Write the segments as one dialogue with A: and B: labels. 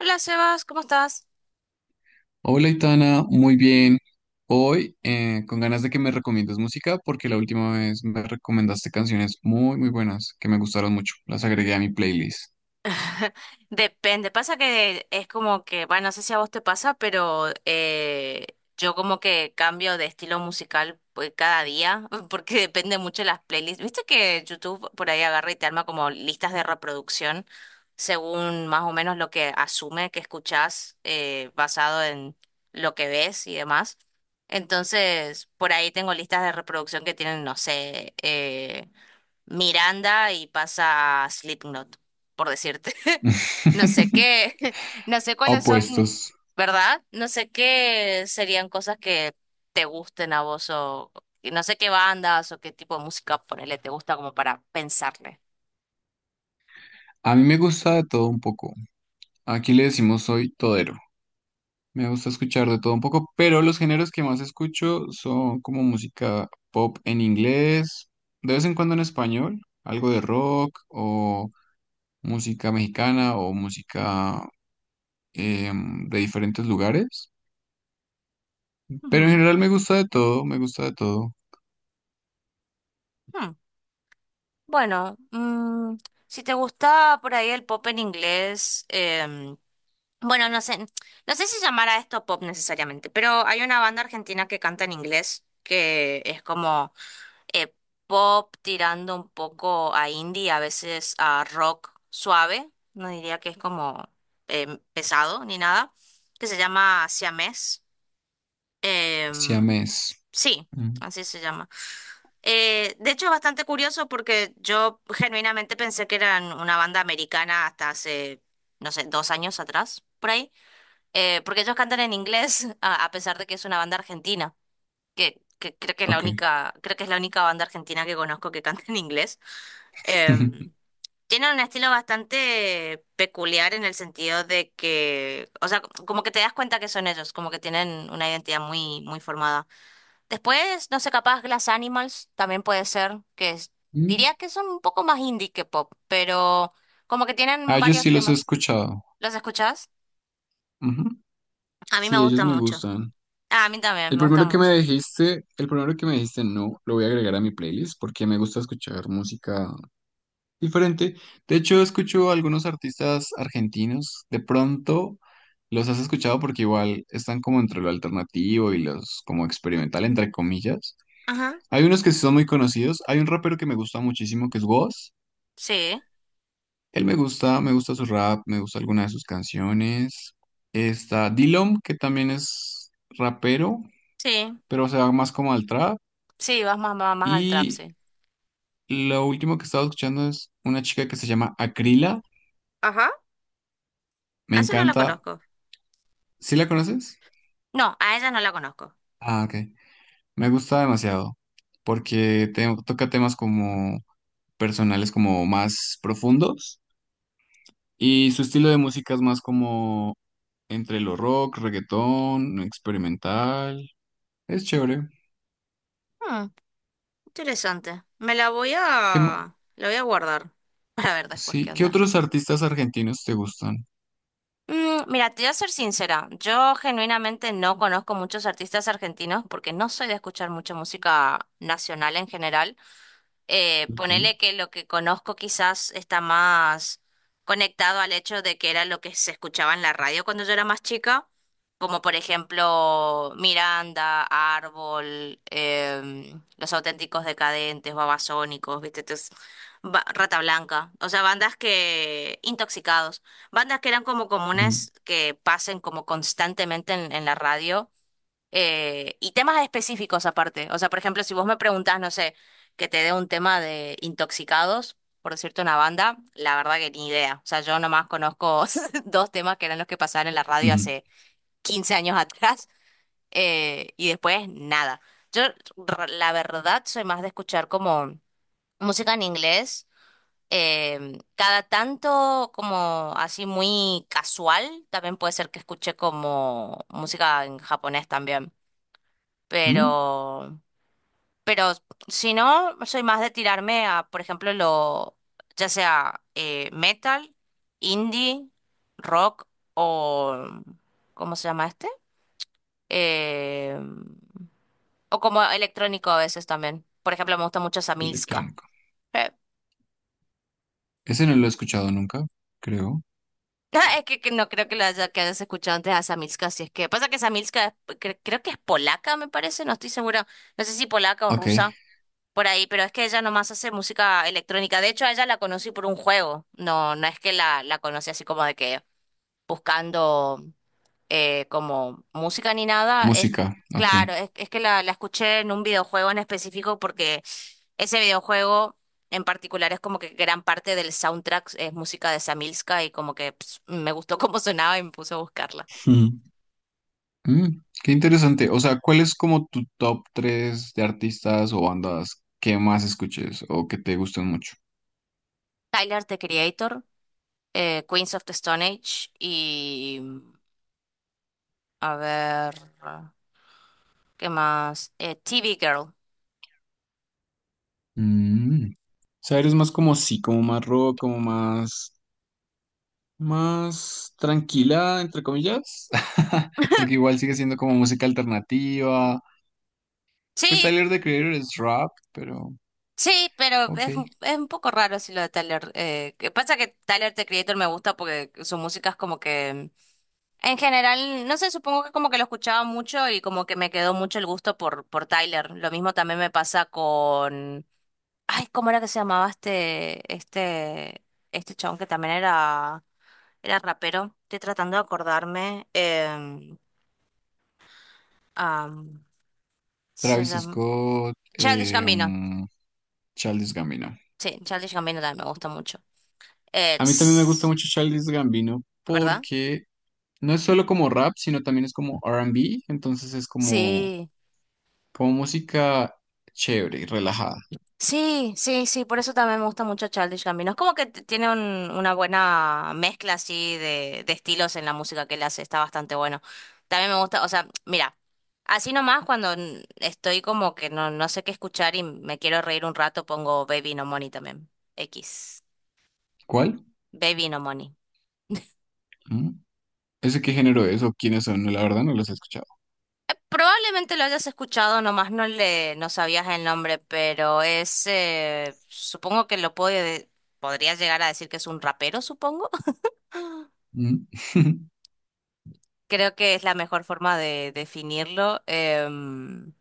A: Hola Sebas, ¿cómo estás?
B: Hola, Itana, muy bien. Hoy, con ganas de que me recomiendes música, porque la última vez me recomendaste canciones muy, muy buenas que me gustaron mucho. Las agregué a mi playlist.
A: Depende, pasa que es como que, bueno, no sé si a vos te pasa, pero yo como que cambio de estilo musical pues, cada día, porque depende mucho de las playlists. ¿Viste que YouTube por ahí agarra y te arma como listas de reproducción según más o menos lo que asume que escuchás basado en lo que ves y demás? Entonces, por ahí tengo listas de reproducción que tienen, no sé, Miranda y pasa Slipknot, por decirte. No sé qué, no sé cuáles son,
B: Opuestos.
A: ¿verdad? No sé qué serían cosas que te gusten a vos o y no sé qué bandas o qué tipo de música ponele te gusta como para pensarle.
B: A mí me gusta de todo un poco. Aquí le decimos soy todero. Me gusta escuchar de todo un poco, pero los géneros que más escucho son como música pop en inglés, de vez en cuando en español, algo de rock o música mexicana o música de diferentes lugares. Pero en
A: Ujú.
B: general me gusta de todo, me gusta de todo.
A: Hmm. Bueno, si te gusta por ahí el pop en inglés, bueno, no sé, no sé si llamar a esto pop necesariamente, pero hay una banda argentina que canta en inglés que es como eh, pop tirando un poco a indie, a veces a rock suave, no diría que es como pesado ni nada, que se llama Siamés. Em,
B: Siamés.
A: sí,
B: Mm,
A: así se llama. De hecho, es bastante curioso porque yo genuinamente pensé que eran una banda americana hasta hace, no sé, 2 años atrás, por ahí. Porque ellos cantan en inglés, a pesar de que es una banda argentina que creo que es la
B: ok.
A: única, creo que es la única banda argentina que conozco que canta en inglés. Em, tiene un estilo bastante peculiar en el sentido de que, o sea, como que te das cuenta que son ellos, como que tienen una identidad muy, muy formada. Después, no sé, capaz Glass Animals también puede ser,
B: Mm.
A: diría que son un poco más indie que pop, pero como que
B: Ah,
A: tienen
B: ellos
A: varios
B: sí los he
A: temas.
B: escuchado.
A: ¿Los escuchás?
B: Ujú.
A: A mí me
B: Sí, ellos
A: gusta
B: me
A: mucho.
B: gustan.
A: Ah, a mí también,
B: El
A: me gusta
B: primero que me
A: mucho.
B: dijiste, el primero que me dijiste no, lo voy a agregar a mi playlist porque me gusta escuchar música diferente. De hecho, escucho algunos artistas argentinos. De pronto los has escuchado porque igual están como entre lo alternativo y los como experimental, entre comillas.
A: Ajá.
B: Hay unos que sí son muy conocidos. Hay un rapero que me gusta muchísimo, que es Wos.
A: Sí,
B: Él me gusta su rap, me gusta alguna de sus canciones. Está Dillom, que también es rapero,
A: sí.
B: pero se va más como al trap.
A: Sí, vas más, más, más al trap,
B: Y
A: sí.
B: lo último que he estado escuchando es una chica que se llama Acrila.
A: Ajá,
B: Me
A: a esa no la
B: encanta.
A: conozco.
B: ¿Sí la conoces?
A: No, a ella no la conozco.
B: Ah, ok. Me gusta demasiado, porque toca temas como personales, como más profundos. Y su estilo de música es más como entre lo rock, reggaetón, experimental. Es chévere.
A: Hmm, Interesante. Me la voy
B: ¿Qué, ma-
A: a... La voy a guardar para ver después
B: sí,
A: qué
B: ¿qué
A: onda.
B: otros artistas argentinos te gustan?
A: Mira, te voy a ser sincera. Yo genuinamente no conozco muchos artistas argentinos porque no soy de escuchar mucha música nacional en general. eh,
B: Ok.
A: ponele que lo que conozco quizás está más conectado al hecho de que era lo que se escuchaba en la radio cuando yo era más chica, como por ejemplo Miranda, Árbol, Los Auténticos Decadentes, Babasónicos, ¿viste? Entonces, Rata Blanca, o sea, bandas que, intoxicados, bandas que eran como
B: Mm.
A: comunes que pasen como constantemente en, la radio y temas específicos aparte. O sea, por ejemplo, si vos me preguntás, no sé, que te dé un tema de intoxicados, por decirte una banda, la verdad que ni idea. O sea, yo nomás conozco dos temas que eran los que pasaban en la radio
B: Ujú.
A: hace 15 años atrás, y después nada. Yo, la verdad, soy más de escuchar como música en inglés. Cada tanto como así muy casual, también puede ser que escuche como música en japonés también.
B: Mm.
A: Pero, pero, si no, soy más de tirarme a, por ejemplo, lo, ya sea metal, indie, rock o, ¿cómo se llama este? Eh, o como electrónico a veces también. Por ejemplo, me gusta mucho Samilska.
B: Electrónico.
A: Eh,
B: Ese no lo he escuchado nunca, creo.
A: Es que no creo que, lo haya, que hayas escuchado antes a Samilska, si es que pasa que Samilska creo que es polaca, me parece, no estoy segura, no sé si polaca o
B: Ok.
A: rusa. Por ahí, pero es que ella nomás hace música electrónica. De hecho, a ella la conocí por un juego. No, no es que la conocí así como de que buscando como música ni nada. Es
B: Música. Ok.
A: claro, es que la escuché en un videojuego en específico porque ese videojuego en particular es como que gran parte del soundtrack es música de Samilska y como que me gustó cómo sonaba y me puse a buscarla.
B: Ujú. Mm, qué interesante. O sea, ¿cuál es como tu top 3 de artistas o bandas que más escuches o que te gusten mucho?
A: Tyler, The Creator, Queens of the Stone Age y a ver. ¿Qué más? TV Girl.
B: Mm. O sea, eres más como sí, como más rock, como más más tranquila, entre comillas, porque igual sigue siendo como música alternativa.
A: Sí,
B: Pues Tyler, The Creator es rap, pero
A: sí, pero
B: ok.
A: es un poco raro si lo de Tyler. Que pasa que Tyler, The Creator, me gusta porque su música es como que... En general, no sé, supongo que como que lo escuchaba mucho y como que me quedó mucho el gusto por, Tyler. Lo mismo también me pasa con... Ay, ¿cómo era que se llamaba este chabón que también era rapero? Estoy tratando de acordarme. Am, se
B: Travis
A: llama...
B: Scott,
A: Childish Gambino.
B: Childish Gambino.
A: Sí, Childish Gambino también me gusta mucho.
B: A mí también me gusta
A: It's,
B: mucho Childish Gambino
A: ¿verdad?
B: porque no es solo como rap, sino también es como R&B, entonces es como,
A: Sí,
B: como música chévere y relajada.
A: sí, sí, sí, por eso también me gusta mucho Childish Gambino. Es como que tiene una buena mezcla así de estilos en la música que él hace, está bastante bueno. También me gusta, o sea, mira, así nomás cuando estoy como que no, no sé qué escuchar y me quiero reír un rato, pongo Baby No Money también. X.
B: ¿Cuál?
A: Baby No Money.
B: ¿Mm? ¿Ese qué género es o quiénes son? No, la verdad no los he escuchado.
A: Probablemente lo hayas escuchado, nomás no le, no sabías el nombre, pero es, supongo que lo puede, podrías llegar a decir que es un rapero, supongo.
B: Mm.
A: Creo que es la mejor forma de definirlo. Em,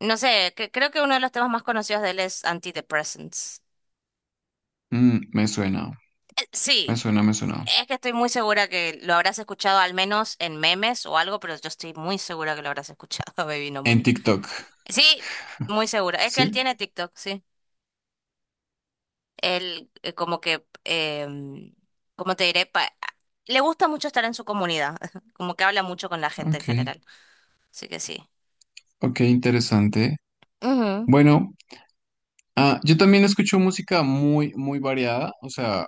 A: no sé, creo que uno de los temas más conocidos de él es Antidepressants.
B: Mm, me suena. Me
A: Sí,
B: suena, me suena.
A: es que estoy muy segura que lo habrás escuchado al menos en memes o algo, pero yo estoy muy segura que lo habrás escuchado, Baby No
B: En
A: Money.
B: TikTok.
A: Sí, muy segura. Es que él
B: Sí,
A: tiene TikTok, sí. Él como que, como te diré? Le gusta mucho estar en su comunidad, como que habla mucho con la gente en
B: ok.
A: general. Así que sí.
B: Ok, interesante.
A: Ujú.
B: Bueno, ah, yo también escucho música muy, muy variada, o sea,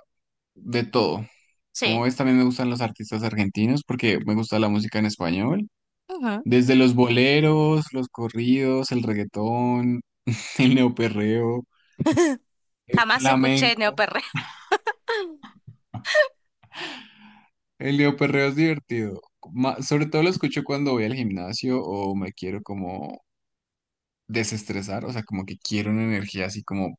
B: de todo. Como
A: Sí.
B: ves, también me gustan los artistas argentinos porque me gusta la música en español.
A: Ujú.
B: Desde los boleros, los corridos, el reggaetón, el neoperreo, el
A: Jamás escuché
B: flamenco.
A: neoperreo.
B: El neoperreo es divertido. Sobre todo lo escucho cuando voy al gimnasio o me quiero como desestresar, o sea, como que quiero una energía así como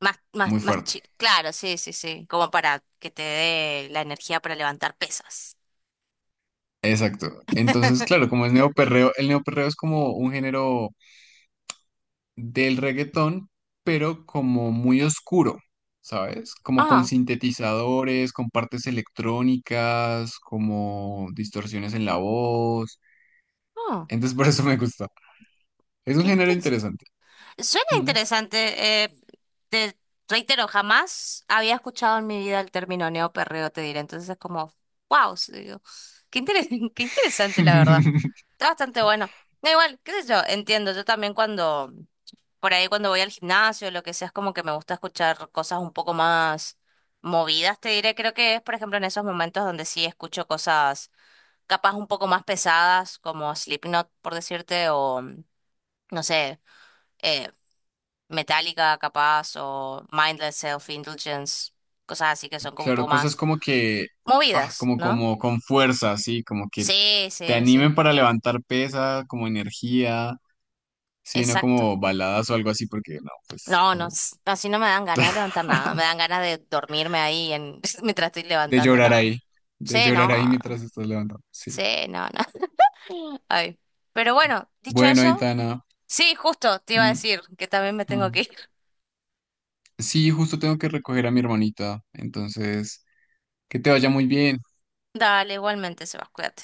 B: muy fuerte,
A: Claro, sí, sí, sí. Como para que te dé la energía para levantar pesas.
B: exacto. Entonces, claro, como es neoperreo, el neoperreo es como un género del reggaetón, pero como muy oscuro, ¿sabes? Como con
A: Ah,
B: sintetizadores, con partes electrónicas, como distorsiones en la voz.
A: ah,
B: Entonces, por eso me gusta. Es un
A: qué.
B: género interesante.
A: Suena
B: Mm.
A: interesante. Te reitero, jamás había escuchado en mi vida el término neoperreo, te diré. Entonces es como, wow, digo, qué interes- qué interesante, la verdad. Está bastante bueno. Da igual, qué sé yo, entiendo. Yo también cuando, por ahí cuando voy al gimnasio, o lo que sea, es como que me gusta escuchar cosas un poco más movidas, te diré. Creo que es, por ejemplo, en esos momentos donde sí escucho cosas capaz un poco más pesadas, como Slipknot, por decirte, o no sé. eh, Metallica, capaz, o Mindless Self-Indulgence, cosas así que son como un
B: Claro,
A: poco
B: cosas
A: más
B: como que, ah,
A: movidas,
B: como,
A: ¿no?
B: como con fuerza, así, como que
A: Sí,
B: te
A: sí, sí,
B: animen para levantar pesa, como energía. Sí, no
A: exacto.
B: como baladas o algo así, porque no, pues
A: No, no,
B: como
A: así no me dan ganas de levantar nada, me dan ganas de dormirme ahí en, mientras estoy
B: de
A: levantando,
B: llorar
A: no.
B: ahí, de
A: Sí,
B: llorar
A: no,
B: ahí mientras estás levantando. Sí.
A: sí, no, no. Ay. Pero bueno, dicho
B: Bueno,
A: eso,
B: Aitana.
A: sí, justo, te iba a
B: Mm,
A: decir que también me tengo que
B: mm.
A: ir.
B: Sí, justo tengo que recoger a mi hermanita, entonces, que te vaya muy bien.
A: Dale, igualmente, Sebas, cuídate.